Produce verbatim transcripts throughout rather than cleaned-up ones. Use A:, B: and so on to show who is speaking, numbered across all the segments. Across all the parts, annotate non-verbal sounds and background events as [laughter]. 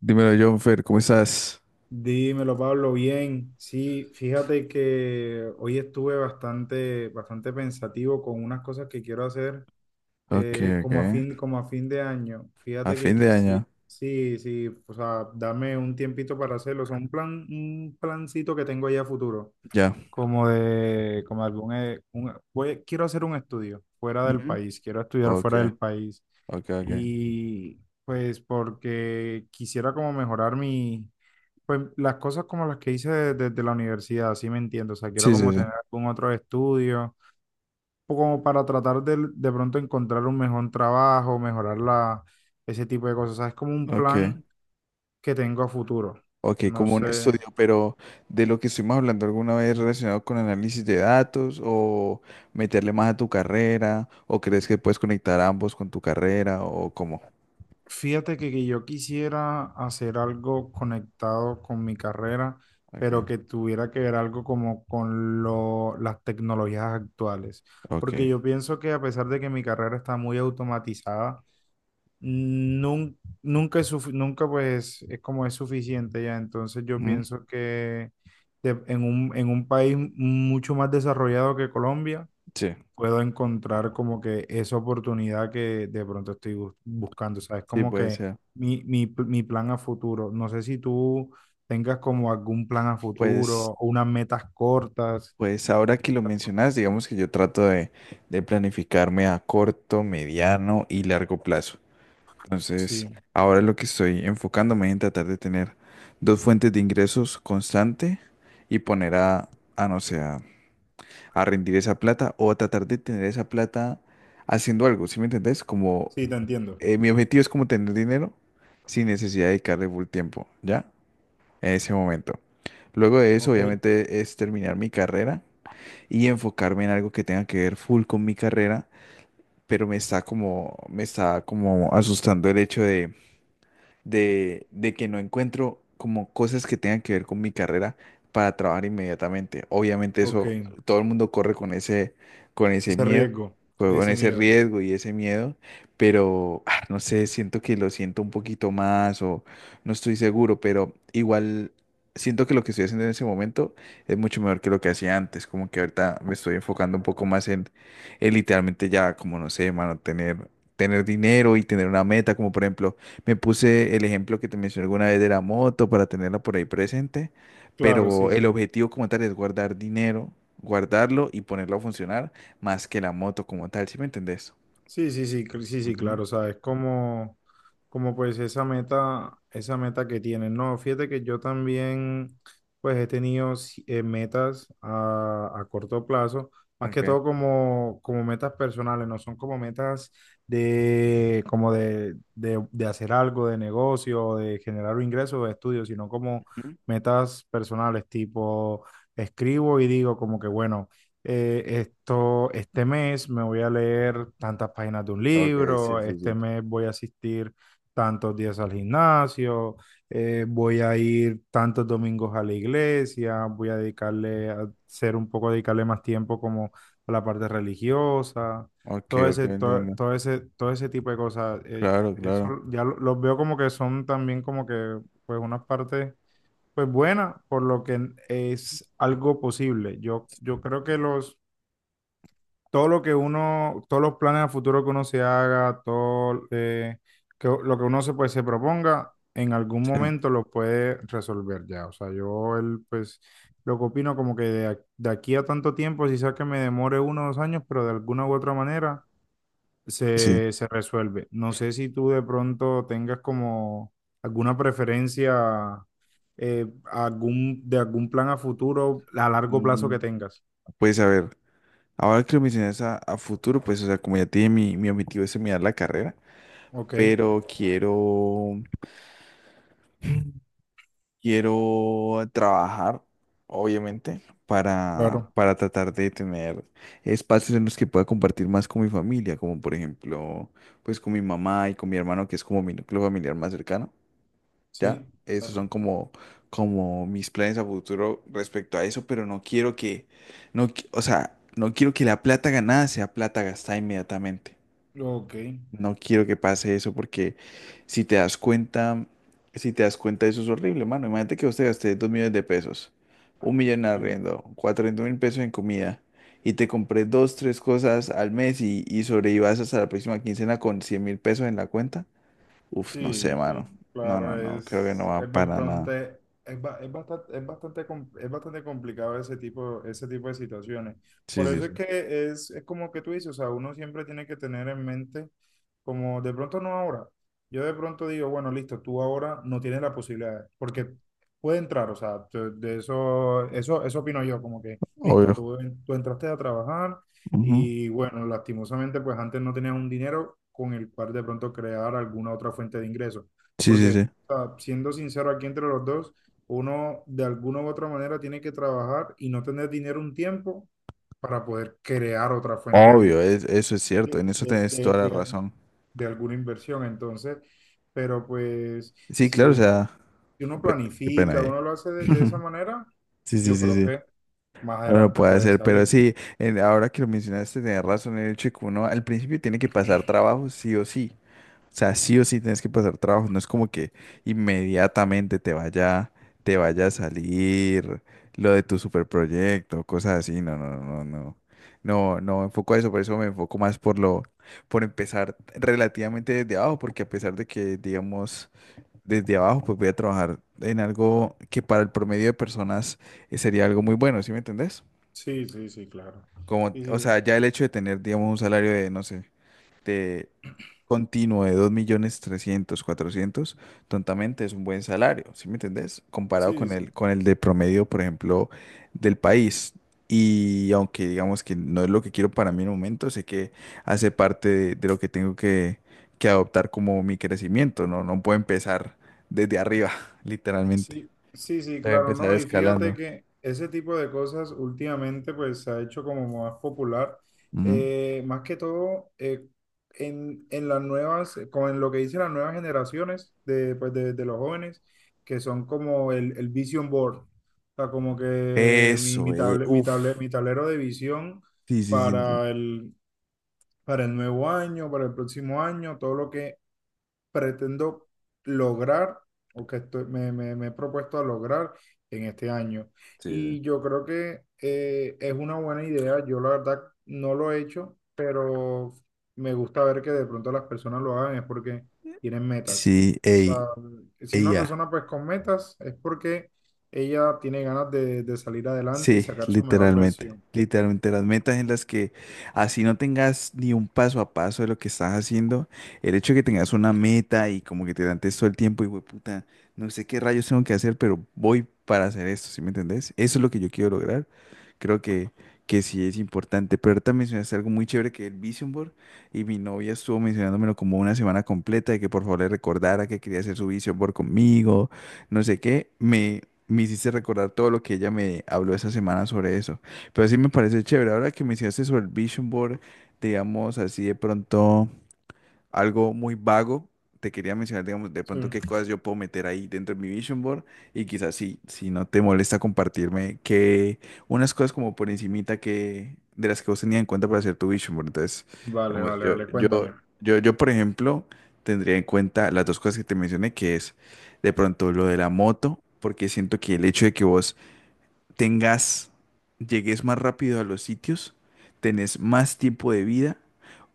A: Dímelo, Jonfer, ¿cómo estás?
B: Dímelo, Pablo, bien. Sí, fíjate que hoy estuve bastante, bastante pensativo con unas cosas que quiero hacer
A: Ok,
B: eh,
A: ok.
B: como a fin, como a fin de año.
A: A
B: Fíjate que
A: fin de
B: quisiera,
A: año.
B: sí, sí, o sea, dame un tiempito para hacerlo. O sea, un plan, un plancito que tengo ya a futuro,
A: Ya.
B: como de, como algún, eh, un- voy, quiero hacer un estudio fuera del
A: Ujú.
B: país, quiero estudiar
A: Ok,
B: fuera del país
A: ok, ok.
B: y pues porque quisiera como mejorar mi, pues las cosas como las que hice de- desde la universidad, sí me entiendo. O sea, quiero
A: Sí, sí,
B: como
A: sí.
B: tener algún otro estudio, o como para tratar de, de pronto encontrar un mejor trabajo, mejorar la, ese tipo de cosas. O sea, es como un
A: Ok,
B: plan que tengo a futuro.
A: ok,
B: No
A: como un estudio,
B: sé.
A: pero de lo que estuvimos hablando alguna vez relacionado con análisis de datos o meterle más a tu carrera, o ¿crees que puedes conectar ambos con tu carrera o cómo?
B: Fíjate que, que yo quisiera hacer algo conectado con mi carrera, pero
A: Ok,
B: que tuviera que ver algo como con lo, las tecnologías actuales.
A: ok.
B: Porque yo pienso que a pesar de que mi carrera está muy automatizada, nun- nunca es sufi- nunca pues es como es suficiente ya. Entonces yo
A: Mm,
B: pienso que de- en un, en un país mucho más desarrollado que Colombia,
A: sí,
B: puedo encontrar como que esa oportunidad que de pronto estoy bus- buscando. Sabes
A: sí,
B: como
A: puede
B: que
A: ser.
B: mi, mi, pl- mi plan a futuro. No sé si tú tengas como algún plan a futuro
A: Pues,
B: o unas metas cortas.
A: pues ahora que lo mencionas, digamos que yo trato de, de planificarme a corto, mediano y largo plazo. Entonces,
B: Sí,
A: ahora lo que estoy enfocándome es en tratar de tener dos fuentes de ingresos constante y poner a, a no sé, a, a rendir esa plata o a tratar de tener esa plata haciendo algo, ¿sí me entendés? Como
B: sí, te entiendo.
A: eh, mi objetivo es como tener dinero sin necesidad de dedicarle full tiempo, ¿ya? En ese momento. Luego de eso,
B: Ok.
A: obviamente, es terminar mi carrera y enfocarme en algo que tenga que ver full con mi carrera, pero me está como, me está como asustando el hecho de de, de que no encuentro como cosas que tengan que ver con mi carrera para trabajar inmediatamente. Obviamente
B: Ok,
A: eso, todo el mundo corre con ese, con ese
B: ese
A: miedo,
B: riesgo,
A: co- con
B: ese
A: ese
B: miedo.
A: riesgo y ese miedo, pero ah, no sé, siento que lo siento un poquito más o no estoy seguro, pero igual siento que lo que estoy haciendo en ese momento es mucho mejor que lo que hacía antes, como que ahorita me estoy enfocando un poco más en, en literalmente ya, como no sé, mano, tener... tener dinero y tener una meta, como por ejemplo, me puse el ejemplo que te mencioné alguna vez de la moto para tenerla por ahí presente,
B: Claro,
A: pero
B: sí,
A: el
B: sí.
A: objetivo como tal es guardar dinero, guardarlo y ponerlo a funcionar más que la moto como tal, ¿sí me entendés?
B: Sí, sí, sí, cl- sí, sí,
A: Ujú.
B: claro, o sea, es como, como pues esa meta, esa meta que tienen. No, fíjate que yo también pues he tenido si- eh, metas a, a corto plazo, más que
A: Ok.
B: todo como, como metas personales, no son como metas de, como de, de, de hacer algo de negocio, de generar un ingreso de estudio, sino como
A: Ujú.
B: metas personales, tipo escribo y digo como que bueno eh, esto, este mes me voy a leer tantas páginas de un
A: Ok, sí,
B: libro,
A: sí,
B: este
A: sí.
B: mes voy a asistir tantos días al gimnasio, eh, voy a ir tantos domingos a la iglesia, voy a dedicarle a ser un poco, dedicarle más tiempo como a la parte religiosa,
A: Ok,
B: todo
A: ok,
B: ese, to-
A: entiendo.
B: todo ese, todo ese tipo de cosas. eh,
A: Claro,
B: eso
A: claro.
B: ya lo- los veo como que son también como que pues unas partes pues buena, por lo que es algo posible. Yo, yo creo que los, todo lo que uno, todos los planes a futuro que uno se haga, todo eh, que, lo que uno se, pues, se proponga, en algún
A: Sí,
B: momento lo puede resolver ya. O sea, yo el, pues lo que opino como que de, ac- de aquí a tanto tiempo, si sea que me demore uno o dos años, pero de alguna u otra manera
A: sí.
B: se, se resuelve. No sé si tú de pronto tengas como alguna preferencia eh, algún, de algún plan a futuro a largo plazo
A: Mm,
B: que tengas.
A: Pues a ver, ahora que lo mencionas a, a futuro, pues o sea, como ya tiene mi, mi objetivo es terminar la carrera,
B: Ok,
A: pero quiero. Quiero trabajar, obviamente, para,
B: claro.
A: para tratar de tener espacios en los que pueda compartir más con mi familia, como por ejemplo, pues con mi mamá y con mi hermano, que es como mi núcleo familiar más cercano, ¿ya?
B: Sí,
A: Esos son
B: claro.
A: como, como mis planes a futuro respecto a eso, pero no quiero que, no, qui- o sea, no quiero que la plata ganada sea plata gastada inmediatamente.
B: Ok,
A: No quiero que pase eso porque si te das cuenta, si te das cuenta, eso es horrible, mano. Imagínate que usted gaste dos millones de pesos, un millón en
B: sí,
A: arriendo, cuatrocientos mil pesos en comida y te compré dos, tres cosas al mes y, y sobrevivas hasta la próxima quincena con cien mil pesos en la cuenta. Uf, no sé,
B: sí, sí,
A: mano. No,
B: claro,
A: no, no, creo que no
B: es,
A: va
B: es
A: para nada.
B: bastante, es, ba- es bastante, es bastante, com- es bastante complicado ese tipo, ese tipo de situaciones.
A: Sí,
B: Por
A: sí,
B: eso es
A: sí.
B: que es, es como que tú dices, o sea, uno siempre tiene que tener en mente, como de pronto no ahora. Yo de pronto digo, bueno, listo, tú ahora no tienes la posibilidad, porque puede entrar, o sea, te- de eso, eso, eso opino yo, como que, listo,
A: Obvio.
B: tú, tú entraste a trabajar.
A: Ujú.
B: Y bueno, lastimosamente, pues antes no tenías un dinero con el cual de pronto crear alguna otra fuente de ingresos.
A: Sí, sí,
B: Porque,
A: sí.
B: o sea, siendo sincero aquí entre los dos, uno de alguna u otra manera tiene que trabajar y no tener dinero un tiempo para poder crear otra fuente de,
A: Obvio,
B: in-
A: es- eso es cierto. En
B: de,
A: eso
B: de,
A: tenés
B: de-
A: toda la
B: de-
A: razón.
B: de alguna inversión. Entonces, pero pues
A: Sí,
B: si
A: claro, o
B: uno,
A: sea,
B: si uno
A: pe- qué pena
B: planifica,
A: ahí.
B: uno lo hace de, de esa
A: [laughs]
B: manera,
A: Sí, sí,
B: yo
A: sí,
B: creo
A: sí.
B: que más
A: Bueno,
B: adelante
A: puede
B: puede
A: ser, pero
B: salir.
A: sí, en- ahora que lo mencionaste, tenés razón en el hecho de que uno al principio tiene que pasar trabajo sí o sí. O sea, sí o sí tienes que pasar trabajo. No es como que inmediatamente te vaya, te vaya a salir lo de tu superproyecto, cosas así. No, no, no, no, no. No, no enfoco a eso, por eso me enfoco más por lo, por empezar relativamente desde abajo, porque a pesar de que, digamos, desde abajo, pues voy a trabajar en algo que para el promedio de personas eh, sería algo muy bueno, ¿sí me entendés?
B: Sí, sí, sí, claro.
A: Como,
B: Sí
A: o
B: sí,
A: sea,
B: sí.
A: ya el hecho de tener, digamos, un salario de, no sé, de continuo de dos millones trescientos cuatrocientos tontamente es un buen salario, ¿sí me entendés? Comparado
B: Sí,
A: con el,
B: sí,
A: con el de promedio, por ejemplo, del país. Y aunque digamos que no es lo que quiero para mí en el momento, sé que hace parte de, de lo que tengo que, que adoptar como mi crecimiento, ¿no? No puedo empezar desde arriba, [laughs] literalmente.
B: sí, sí, sí,
A: Tengo que
B: claro,
A: empezar
B: no, y fíjate
A: escalando.
B: que ese tipo de cosas últimamente pues se ha hecho como más popular,
A: Ujú.
B: eh, más que todo eh, en, en las nuevas, con lo que dicen las nuevas generaciones de, pues, de, de los jóvenes, que son como el, el vision board, o sea, como que mi,
A: Eso,
B: mi,
A: eh.
B: table- mi, table-
A: Uf.
B: mi tablero de visión
A: Sí, sí, sí, sí.
B: para el, para el nuevo año, para el próximo año, todo lo que pretendo lograr o que estoy- me, me- me he propuesto a lograr en este año.
A: Sí, sí.
B: Y yo creo que eh, es una buena idea. Yo la verdad no lo he hecho, pero me gusta ver que de pronto las personas lo hagan es porque tienen metas.
A: Sí,
B: O
A: ey,
B: sea, si una
A: ella.
B: persona pues con metas es porque ella tiene ganas de, de salir adelante y
A: Sí,
B: sacar su mejor
A: literalmente.
B: versión.
A: Literalmente las metas en las que así no tengas ni un paso a paso de lo que estás haciendo, el hecho de que tengas una meta y como que te dan todo el tiempo y puta, no sé qué rayos tengo que hacer, pero voy para hacer esto, ¿sí me entendés? Eso es lo que yo quiero lograr. Creo que, que sí es importante, pero ahorita mencionaste algo muy chévere que es el Vision Board y mi novia estuvo mencionándomelo como una semana completa de que por favor le recordara que quería hacer su Vision Board conmigo no sé qué, me, me hiciste recordar todo lo que ella me habló esa semana sobre eso. Pero sí me parece chévere. Ahora que me hiciste sobre el vision board, digamos así de pronto algo muy vago, te quería mencionar, digamos, de
B: Sí.
A: pronto qué cosas yo puedo meter ahí dentro de mi vision board y quizás sí, si no te molesta compartirme que unas cosas como por encimita que de las que vos tenías en cuenta para hacer tu vision board. Entonces,
B: Vale,
A: digamos,
B: vale,
A: yo,
B: vale,
A: yo,
B: cuéntame.
A: yo, yo, por ejemplo, tendría en cuenta las dos cosas que te mencioné, que es de pronto lo de la moto, porque siento que el hecho de que vos tengas, llegues más rápido a los sitios, tenés más tiempo de vida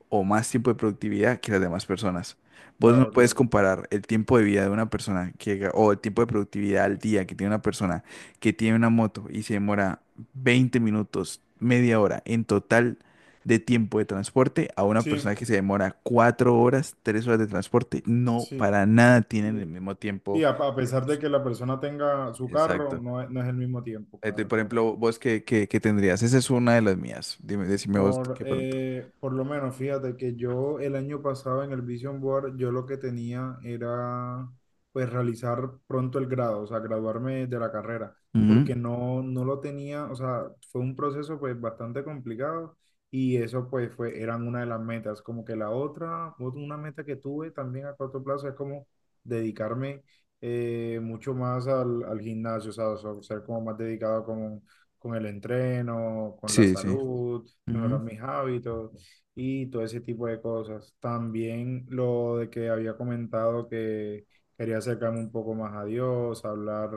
A: o más tiempo de productividad que las demás personas. Vos no
B: Claro,
A: puedes
B: claro.
A: comparar el tiempo de vida de una persona que, ga- o el tiempo de productividad al día que tiene una persona que tiene una moto y se demora veinte minutos, media hora en total de tiempo de transporte a una
B: Sí,
A: persona que se demora cuatro horas, tres horas de transporte. No,
B: sí.
A: para nada tienen el
B: Sí,
A: mismo
B: sí,
A: tiempo
B: a, a
A: de
B: pesar de
A: uso.
B: que la persona tenga su carro,
A: Exacto.
B: no, es- no es el mismo tiempo,
A: Este,
B: claro,
A: por
B: claro.
A: ejemplo, vos qué, qué- qué tendrías? Esa es una de las mías. Dime, decime vos
B: Por,
A: qué pronto.
B: eh, por lo menos, fíjate que yo el año pasado en el Vision Board, yo lo que tenía era pues realizar pronto el grado, o sea, graduarme de la carrera,
A: Ujú.
B: porque no, no lo tenía, o sea, fue un proceso pues bastante complicado y eso pues fue, eran una de las metas, como que la otra, ot- una meta que tuve también a corto plazo es como dedicarme eh, mucho más al, al gimnasio, o sea, o sea, ser como más dedicado con, con el entreno, con la
A: Sí, sí.
B: salud, mejorar
A: Ujú.
B: mis hábitos y todo ese tipo de cosas. También lo de que había comentado que quería acercarme un poco más a Dios, hablar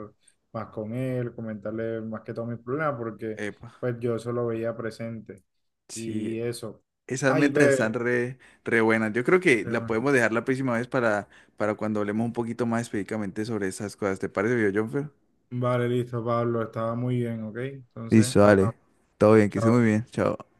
B: más con Él, comentarle más que todos mis problemas, porque
A: Epa.
B: pues yo eso lo veía presente.
A: Sí,
B: Y eso.
A: esas
B: Ay,
A: metas están
B: ve.
A: re, re buenas. Yo creo que
B: Pero
A: la
B: bueno.
A: podemos dejar la próxima vez para, para cuando hablemos un poquito más específicamente sobre esas cosas. ¿Te parece, viejo Jonfer?
B: Vale, listo, Pablo, estaba muy bien, ¿ok? Entonces,
A: Listo, dale.
B: hablamos.
A: Todo bien, que esté muy
B: Chao.
A: bien. Chao.